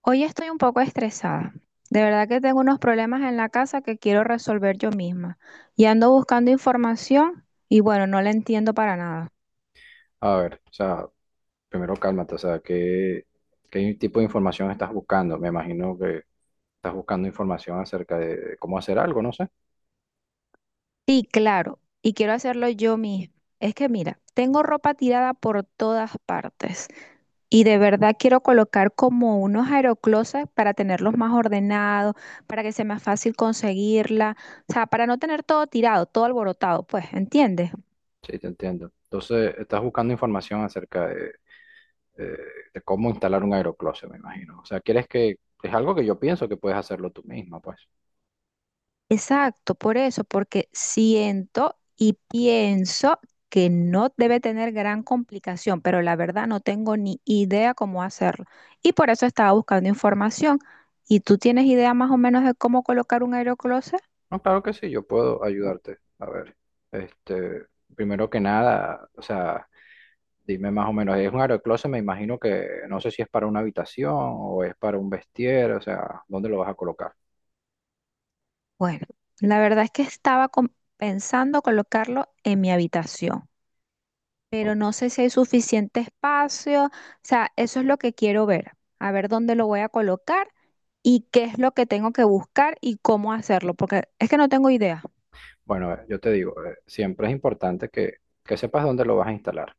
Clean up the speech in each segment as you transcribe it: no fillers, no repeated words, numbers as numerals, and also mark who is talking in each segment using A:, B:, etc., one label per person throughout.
A: Hoy estoy un poco estresada. De verdad que tengo unos problemas en la casa que quiero resolver yo misma. Y ando buscando información y bueno, no la entiendo para nada.
B: A ver, o sea, primero cálmate. O sea, ¿qué tipo de información estás buscando? Me imagino que estás buscando información acerca de cómo hacer algo, no sé.
A: Sí, claro, y quiero hacerlo yo misma. Es que mira, tengo ropa tirada por todas partes y de verdad quiero colocar como unos aeroclosets para tenerlos más ordenados, para que sea más fácil conseguirla, o sea, para no tener todo tirado, todo alborotado, pues, ¿entiendes?
B: Sí, te entiendo. Entonces, estás buscando información acerca de, de- de cómo instalar un aerocloset, me imagino. O sea, quieres que, es algo que yo pienso que puedes hacerlo tú misma, pues.
A: Exacto, por eso, porque siento y pienso que no debe tener gran complicación, pero la verdad no tengo ni idea cómo hacerlo. Y por eso estaba buscando información. ¿Y tú tienes idea más o menos de cómo colocar un aerocloset?
B: No, claro que sí, yo puedo ayudarte. A ver, este, primero que nada, o sea... Dime más o menos, es un aerocloset, me imagino que no sé si es para una habitación o es para un vestier. O sea, ¿dónde lo vas a colocar?
A: Bueno, la verdad es que estaba pensando colocarlo en mi habitación, pero
B: O-
A: no sé si hay suficiente espacio. O sea, eso es lo que quiero ver, a ver dónde lo voy a colocar y qué es lo que tengo que buscar y cómo hacerlo, porque es que no tengo idea.
B: Bueno, yo te digo, siempre es importante que sepas dónde lo vas a instalar,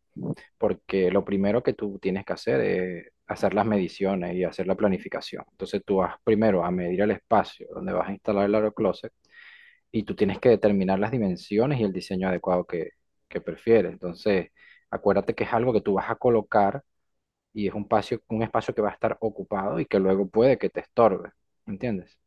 B: porque lo primero que tú tienes que hacer es hacer las mediciones y hacer la planificación. Entonces tú vas primero a medir el espacio donde vas a instalar el aerocloset y tú tienes que determinar las dimensiones y el diseño adecuado que prefieres. Entonces, acuérdate que es algo que tú vas a colocar y es un espacio que va a estar ocupado y que luego puede que te estorbe, ¿entiendes?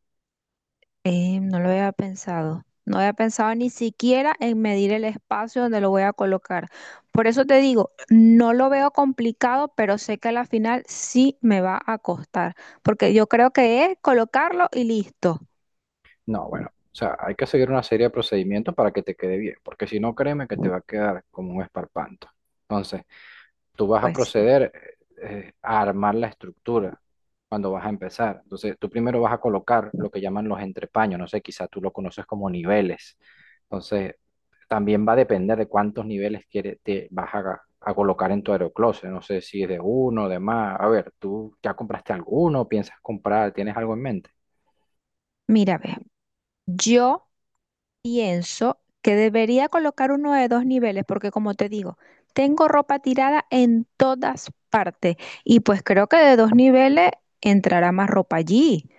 A: No lo había pensado. No había pensado ni siquiera en medir el espacio donde lo voy a colocar. Por eso te digo, no lo veo complicado, pero sé que a la final sí me va a costar, porque yo creo que es colocarlo y listo.
B: No, bueno, o sea, hay que seguir una serie de procedimientos para que te quede bien, porque si no, créeme que te va a quedar como un esparpanto. Entonces, tú vas a
A: Pues sí,
B: proceder a armar la estructura cuando vas a empezar. Entonces, tú primero vas a colocar lo que llaman los entrepaños, no sé, quizás tú lo conoces como niveles. Entonces, también va a depender de cuántos niveles te vas a colocar en tu aeroclose. No sé si es de uno, de más. A ver, ¿tú ya compraste alguno? ¿Piensas comprar? ¿Tienes algo en mente?
A: mira, ve, yo pienso que debería colocar uno de dos niveles, porque como te digo, tengo ropa tirada en todas partes y pues creo que de dos niveles entrará más ropa allí.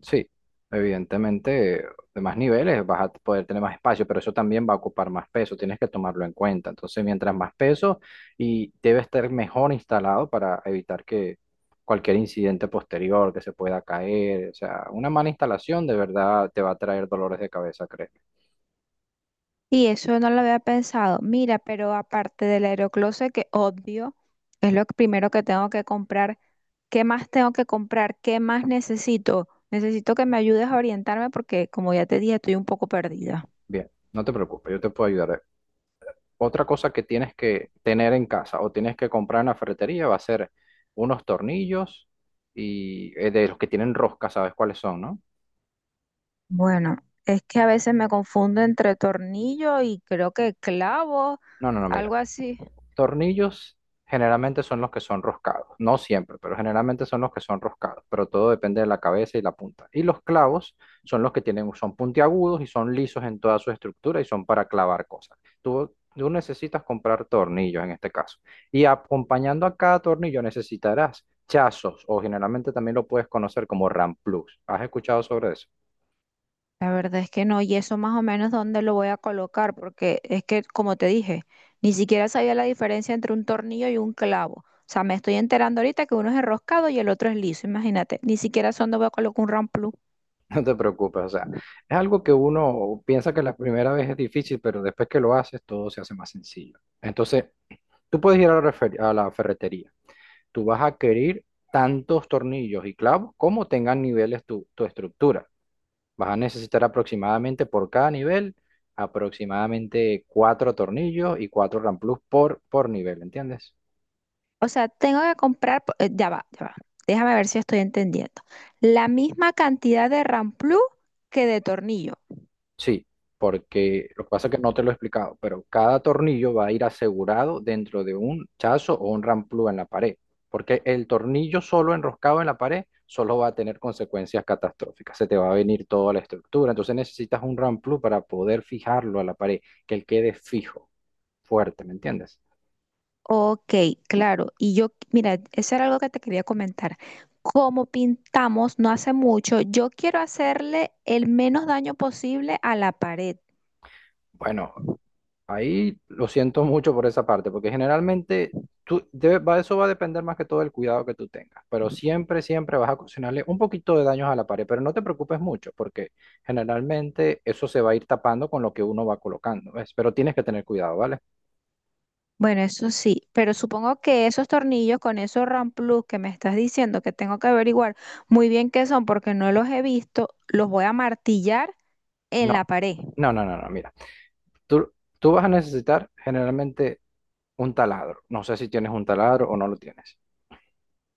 B: Sí, evidentemente, de más niveles vas a poder tener más espacio, pero eso también va a ocupar más peso, tienes que tomarlo en cuenta. Entonces, mientras más peso y debe estar mejor instalado para evitar que cualquier incidente posterior que se pueda caer. O sea, una mala instalación de verdad te va a traer dolores de cabeza, créeme.
A: Y eso no lo había pensado. Mira, pero aparte del aerocloset, que obvio, es lo primero que tengo que comprar. ¿Qué más tengo que comprar? ¿Qué más necesito? Necesito que me ayudes a orientarme porque, como ya te dije, estoy un poco perdida.
B: Bien, no te preocupes, yo te puedo ayudar. Otra cosa que tienes que tener en casa o tienes que comprar en la ferretería va a ser unos tornillos y de los que tienen rosca, ¿sabes cuáles son, no?
A: Bueno, es que a veces me confundo entre tornillo y creo que clavo,
B: No, no, no, mira.
A: algo así.
B: Tornillos generalmente son los que son roscados. No siempre, pero generalmente son los que son roscados. Pero todo depende de la cabeza y la punta. Y los clavos son los que tienen, son puntiagudos y son lisos en toda su estructura y son para clavar cosas. Tú necesitas comprar tornillos en este caso. Y acompañando a cada tornillo necesitarás chazos o generalmente también lo puedes conocer como ramplus. ¿Has escuchado sobre eso?
A: La verdad es que no, y eso más o menos dónde lo voy a colocar, porque es que, como te dije, ni siquiera sabía la diferencia entre un tornillo y un clavo. O sea, me estoy enterando ahorita que uno es enroscado y el otro es liso, imagínate. Ni siquiera sé dónde voy a colocar un ramplú.
B: No te preocupes, o sea, es algo que uno piensa que la primera vez es difícil, pero después que lo haces todo se hace más sencillo. Entonces, tú puedes ir a a la ferretería, tú vas a adquirir tantos tornillos y clavos como tengan niveles tu estructura. Vas a necesitar aproximadamente por cada nivel, aproximadamente cuatro tornillos y cuatro ramplus por nivel, ¿entiendes?
A: O sea, tengo que comprar, ya va, ya va. Déjame ver si estoy entendiendo. La misma cantidad de ramplú que de tornillo.
B: Sí, porque lo que pasa es que no te lo he explicado, pero cada tornillo va a ir asegurado dentro de un chazo o un ramplú en la pared, porque el tornillo solo enroscado en la pared solo va a tener consecuencias catastróficas, se te va a venir toda la estructura. Entonces necesitas un ramplú para poder fijarlo a la pared, que él quede fijo, fuerte, ¿me entiendes?
A: Ok, claro. Y yo, mira, eso era algo que te quería comentar. Como pintamos no hace mucho, yo quiero hacerle el menos daño posible a la pared.
B: Bueno, ahí lo siento mucho por esa parte, porque generalmente tú, eso va a depender más que todo del cuidado que tú tengas, pero siempre, siempre vas a ocasionarle un poquito de daños a la pared, pero no te preocupes mucho, porque generalmente eso se va a ir tapando con lo que uno va colocando, ¿ves? Pero tienes que tener cuidado, ¿vale?
A: Bueno, eso sí, pero supongo que esos tornillos con esos RAM Plus que me estás diciendo que tengo que averiguar muy bien qué son porque no los he visto, los voy a martillar en la
B: No,
A: pared.
B: no, no, no, no, mira, tú, tú vas a necesitar generalmente un taladro, no sé si tienes un taladro o no lo tienes.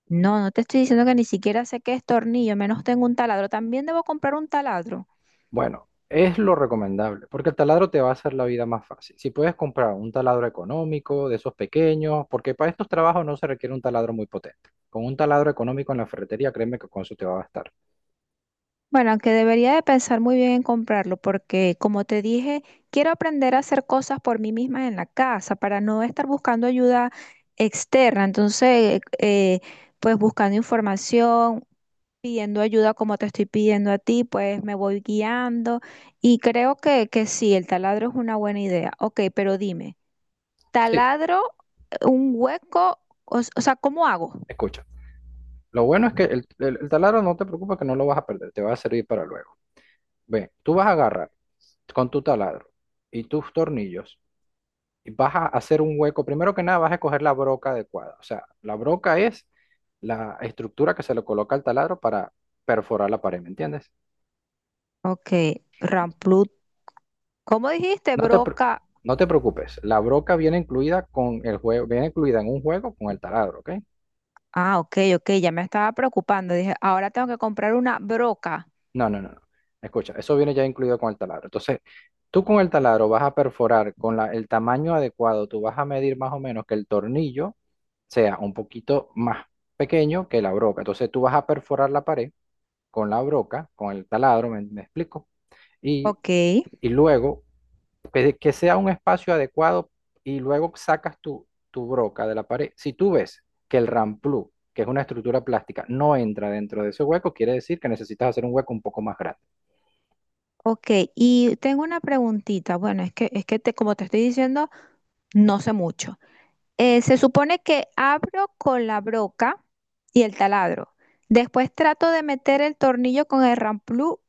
A: No, no te estoy diciendo que ni siquiera sé qué es tornillo, menos tengo un taladro. También debo comprar un taladro.
B: Bueno, es lo recomendable, porque el taladro te va a hacer la vida más fácil. Si puedes comprar un taladro económico, de esos pequeños, porque para estos trabajos no se requiere un taladro muy potente. Con un taladro económico en la ferretería, créeme que con eso te va a bastar.
A: Bueno, aunque debería de pensar muy bien en comprarlo porque, como te dije, quiero aprender a hacer cosas por mí misma en la casa para no estar buscando ayuda externa. Entonces, pues buscando información, pidiendo ayuda como te estoy pidiendo a ti, pues me voy guiando y creo que, sí, el taladro es una buena idea. Ok, pero dime,
B: Sí,
A: ¿taladro un hueco? O sea, ¿cómo hago?
B: escucha. Lo bueno es que el taladro no te preocupes que no lo vas a perder, te va a servir para luego. Ve, tú vas a agarrar con tu taladro y tus tornillos vas a hacer un hueco. Primero que nada vas a escoger la broca adecuada. O sea, la broca es la estructura que se le coloca al taladro para perforar la pared, ¿me entiendes?
A: Ok, ramplut. ¿Cómo dijiste,
B: No te, pre-
A: broca?
B: no te preocupes, la broca viene incluida con el juego, viene incluida en un juego con el taladro, ¿ok?
A: Ah, ok, ok, ya me estaba preocupando. Dije, ahora tengo que comprar una broca.
B: No, no, no, no. Escucha, eso viene ya incluido con el taladro. Entonces, tú con el taladro vas a perforar con el tamaño adecuado, tú vas a medir más o menos que el tornillo sea un poquito más pequeño que la broca. Entonces, tú vas a perforar la pared con la broca, con el taladro, ¿me explico? Y,
A: Ok,
B: y luego, que sea un espacio adecuado y luego sacas tu broca de la pared. Si tú ves que el ramplú, que es una estructura plástica, no entra dentro de ese hueco, quiere decir que necesitas hacer un hueco un poco más grande.
A: ok. Y tengo una preguntita. Bueno, es que, te, como te estoy diciendo, no sé mucho. Se supone que abro con la broca y el taladro. Después trato de meter el tornillo con el ramplú.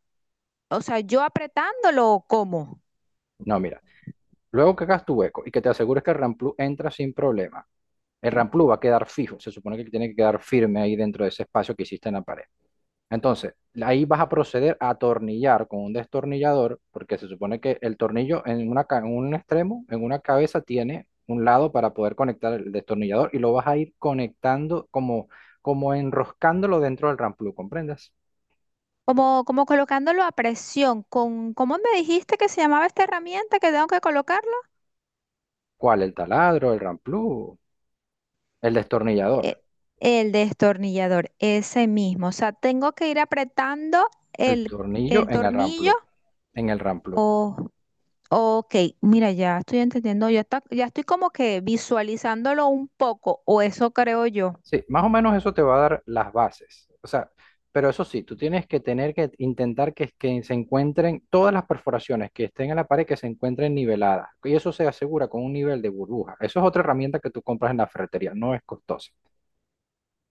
A: O sea, yo apretándolo o cómo.
B: No, mira, luego que hagas tu hueco y que te asegures que el ramplú entra sin problema, el ramplú va a quedar fijo, se supone que tiene que quedar firme ahí dentro de ese espacio que hiciste en la pared. Entonces, ahí vas a proceder a atornillar con un destornillador, porque se supone que el tornillo en un extremo, en una cabeza, tiene un lado para poder conectar el destornillador y lo vas a ir conectando como, como enroscándolo dentro del ramplú, ¿comprendes?
A: Como, como colocándolo a presión, con, ¿cómo me dijiste que se llamaba esta herramienta que tengo que colocarlo?
B: ¿Cuál? El taladro, el ramplú, el destornillador,
A: E- el destornillador, ese mismo. O sea, tengo que ir apretando
B: el tornillo
A: el
B: en el
A: tornillo.
B: ramplú, en el ramplú.
A: Oh. Ok, mira, ya estoy entendiendo, ya está, ya estoy como que visualizándolo un poco, o eso creo yo.
B: Sí, más o menos eso te va a dar las bases. O sea, pero eso sí, tú tienes que tener que intentar que se encuentren todas las perforaciones que estén en la pared, que se encuentren niveladas. Y eso se asegura con un nivel de burbuja. Eso es otra herramienta que tú compras en la ferretería, no es costosa.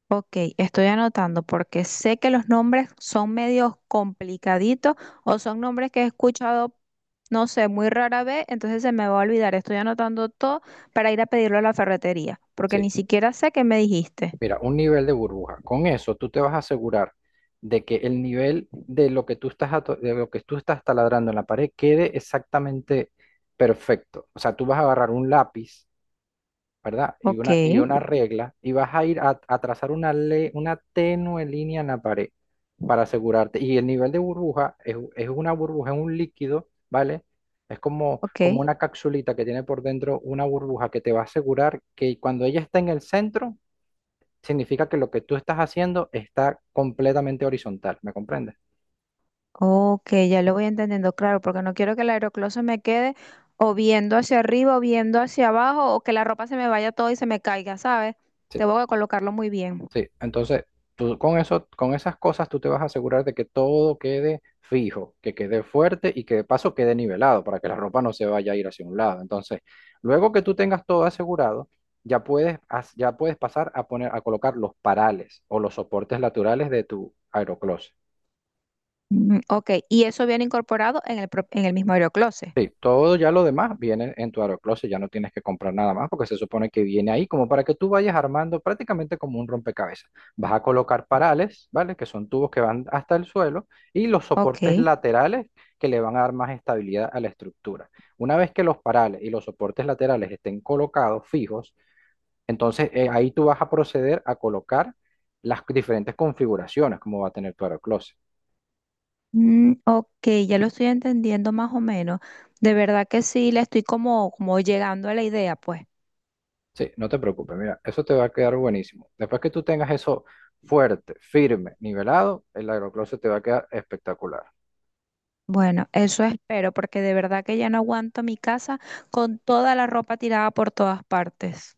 A: Ok, estoy anotando porque sé que los nombres son medios complicaditos o son nombres que he escuchado, no sé, muy rara vez, entonces se me va a olvidar. Estoy anotando todo para ir a pedirlo a la ferretería, porque
B: Sí,
A: ni siquiera sé qué me dijiste.
B: mira, un nivel de burbuja. Con eso tú te vas a asegurar de que el nivel de lo que tú de lo que tú estás taladrando en la pared quede exactamente perfecto. O sea, tú vas a agarrar un lápiz, ¿verdad? Y
A: Ok,
B: una regla, y vas a ir a trazar una tenue línea en la pared para asegurarte. Y el nivel de burbuja es una burbuja, es un líquido, ¿vale? Es como,
A: ok.
B: como una capsulita que tiene por dentro una burbuja que te va a asegurar que cuando ella está en el centro, significa que lo que tú estás haciendo está completamente horizontal, ¿me comprendes?
A: Ok, ya lo voy entendiendo, claro, porque no quiero que el aeroclub se me quede o viendo hacia arriba o viendo hacia abajo o que la ropa se me vaya todo y se me caiga, ¿sabes?
B: Sí.
A: Tengo que colocarlo muy bien.
B: Sí, entonces tú con eso, con esas cosas tú te vas a asegurar de que todo quede fijo, que quede fuerte y que de paso quede nivelado para que la ropa no se vaya a ir hacia un lado. Entonces, luego que tú tengas todo asegurado, ya puedes, ya puedes pasar a poner, a colocar los parales o los soportes laterales de tu aerocloset.
A: Mm, ok, y eso viene incorporado en en el mismo aerocloset.
B: Sí, todo ya lo demás viene en tu AeroCloset, ya no tienes que comprar nada más porque se supone que viene ahí como para que tú vayas armando prácticamente como un rompecabezas. Vas a colocar parales, ¿vale? Que son tubos que van hasta el suelo y los soportes
A: Ok.
B: laterales que le van a dar más estabilidad a la estructura. Una vez que los parales y los soportes laterales estén colocados fijos, entonces ahí tú vas a proceder a colocar las diferentes configuraciones como va a tener tu AeroCloset.
A: Mm, ok, ya lo estoy entendiendo más o menos. De verdad que sí, le estoy como, como llegando a la idea, pues.
B: Sí, no te preocupes, mira, eso te va a quedar buenísimo. Después que tú tengas eso fuerte, firme, nivelado, el aerocloset te va a quedar espectacular.
A: Bueno, eso espero, porque de verdad que ya no aguanto mi casa con toda la ropa tirada por todas partes.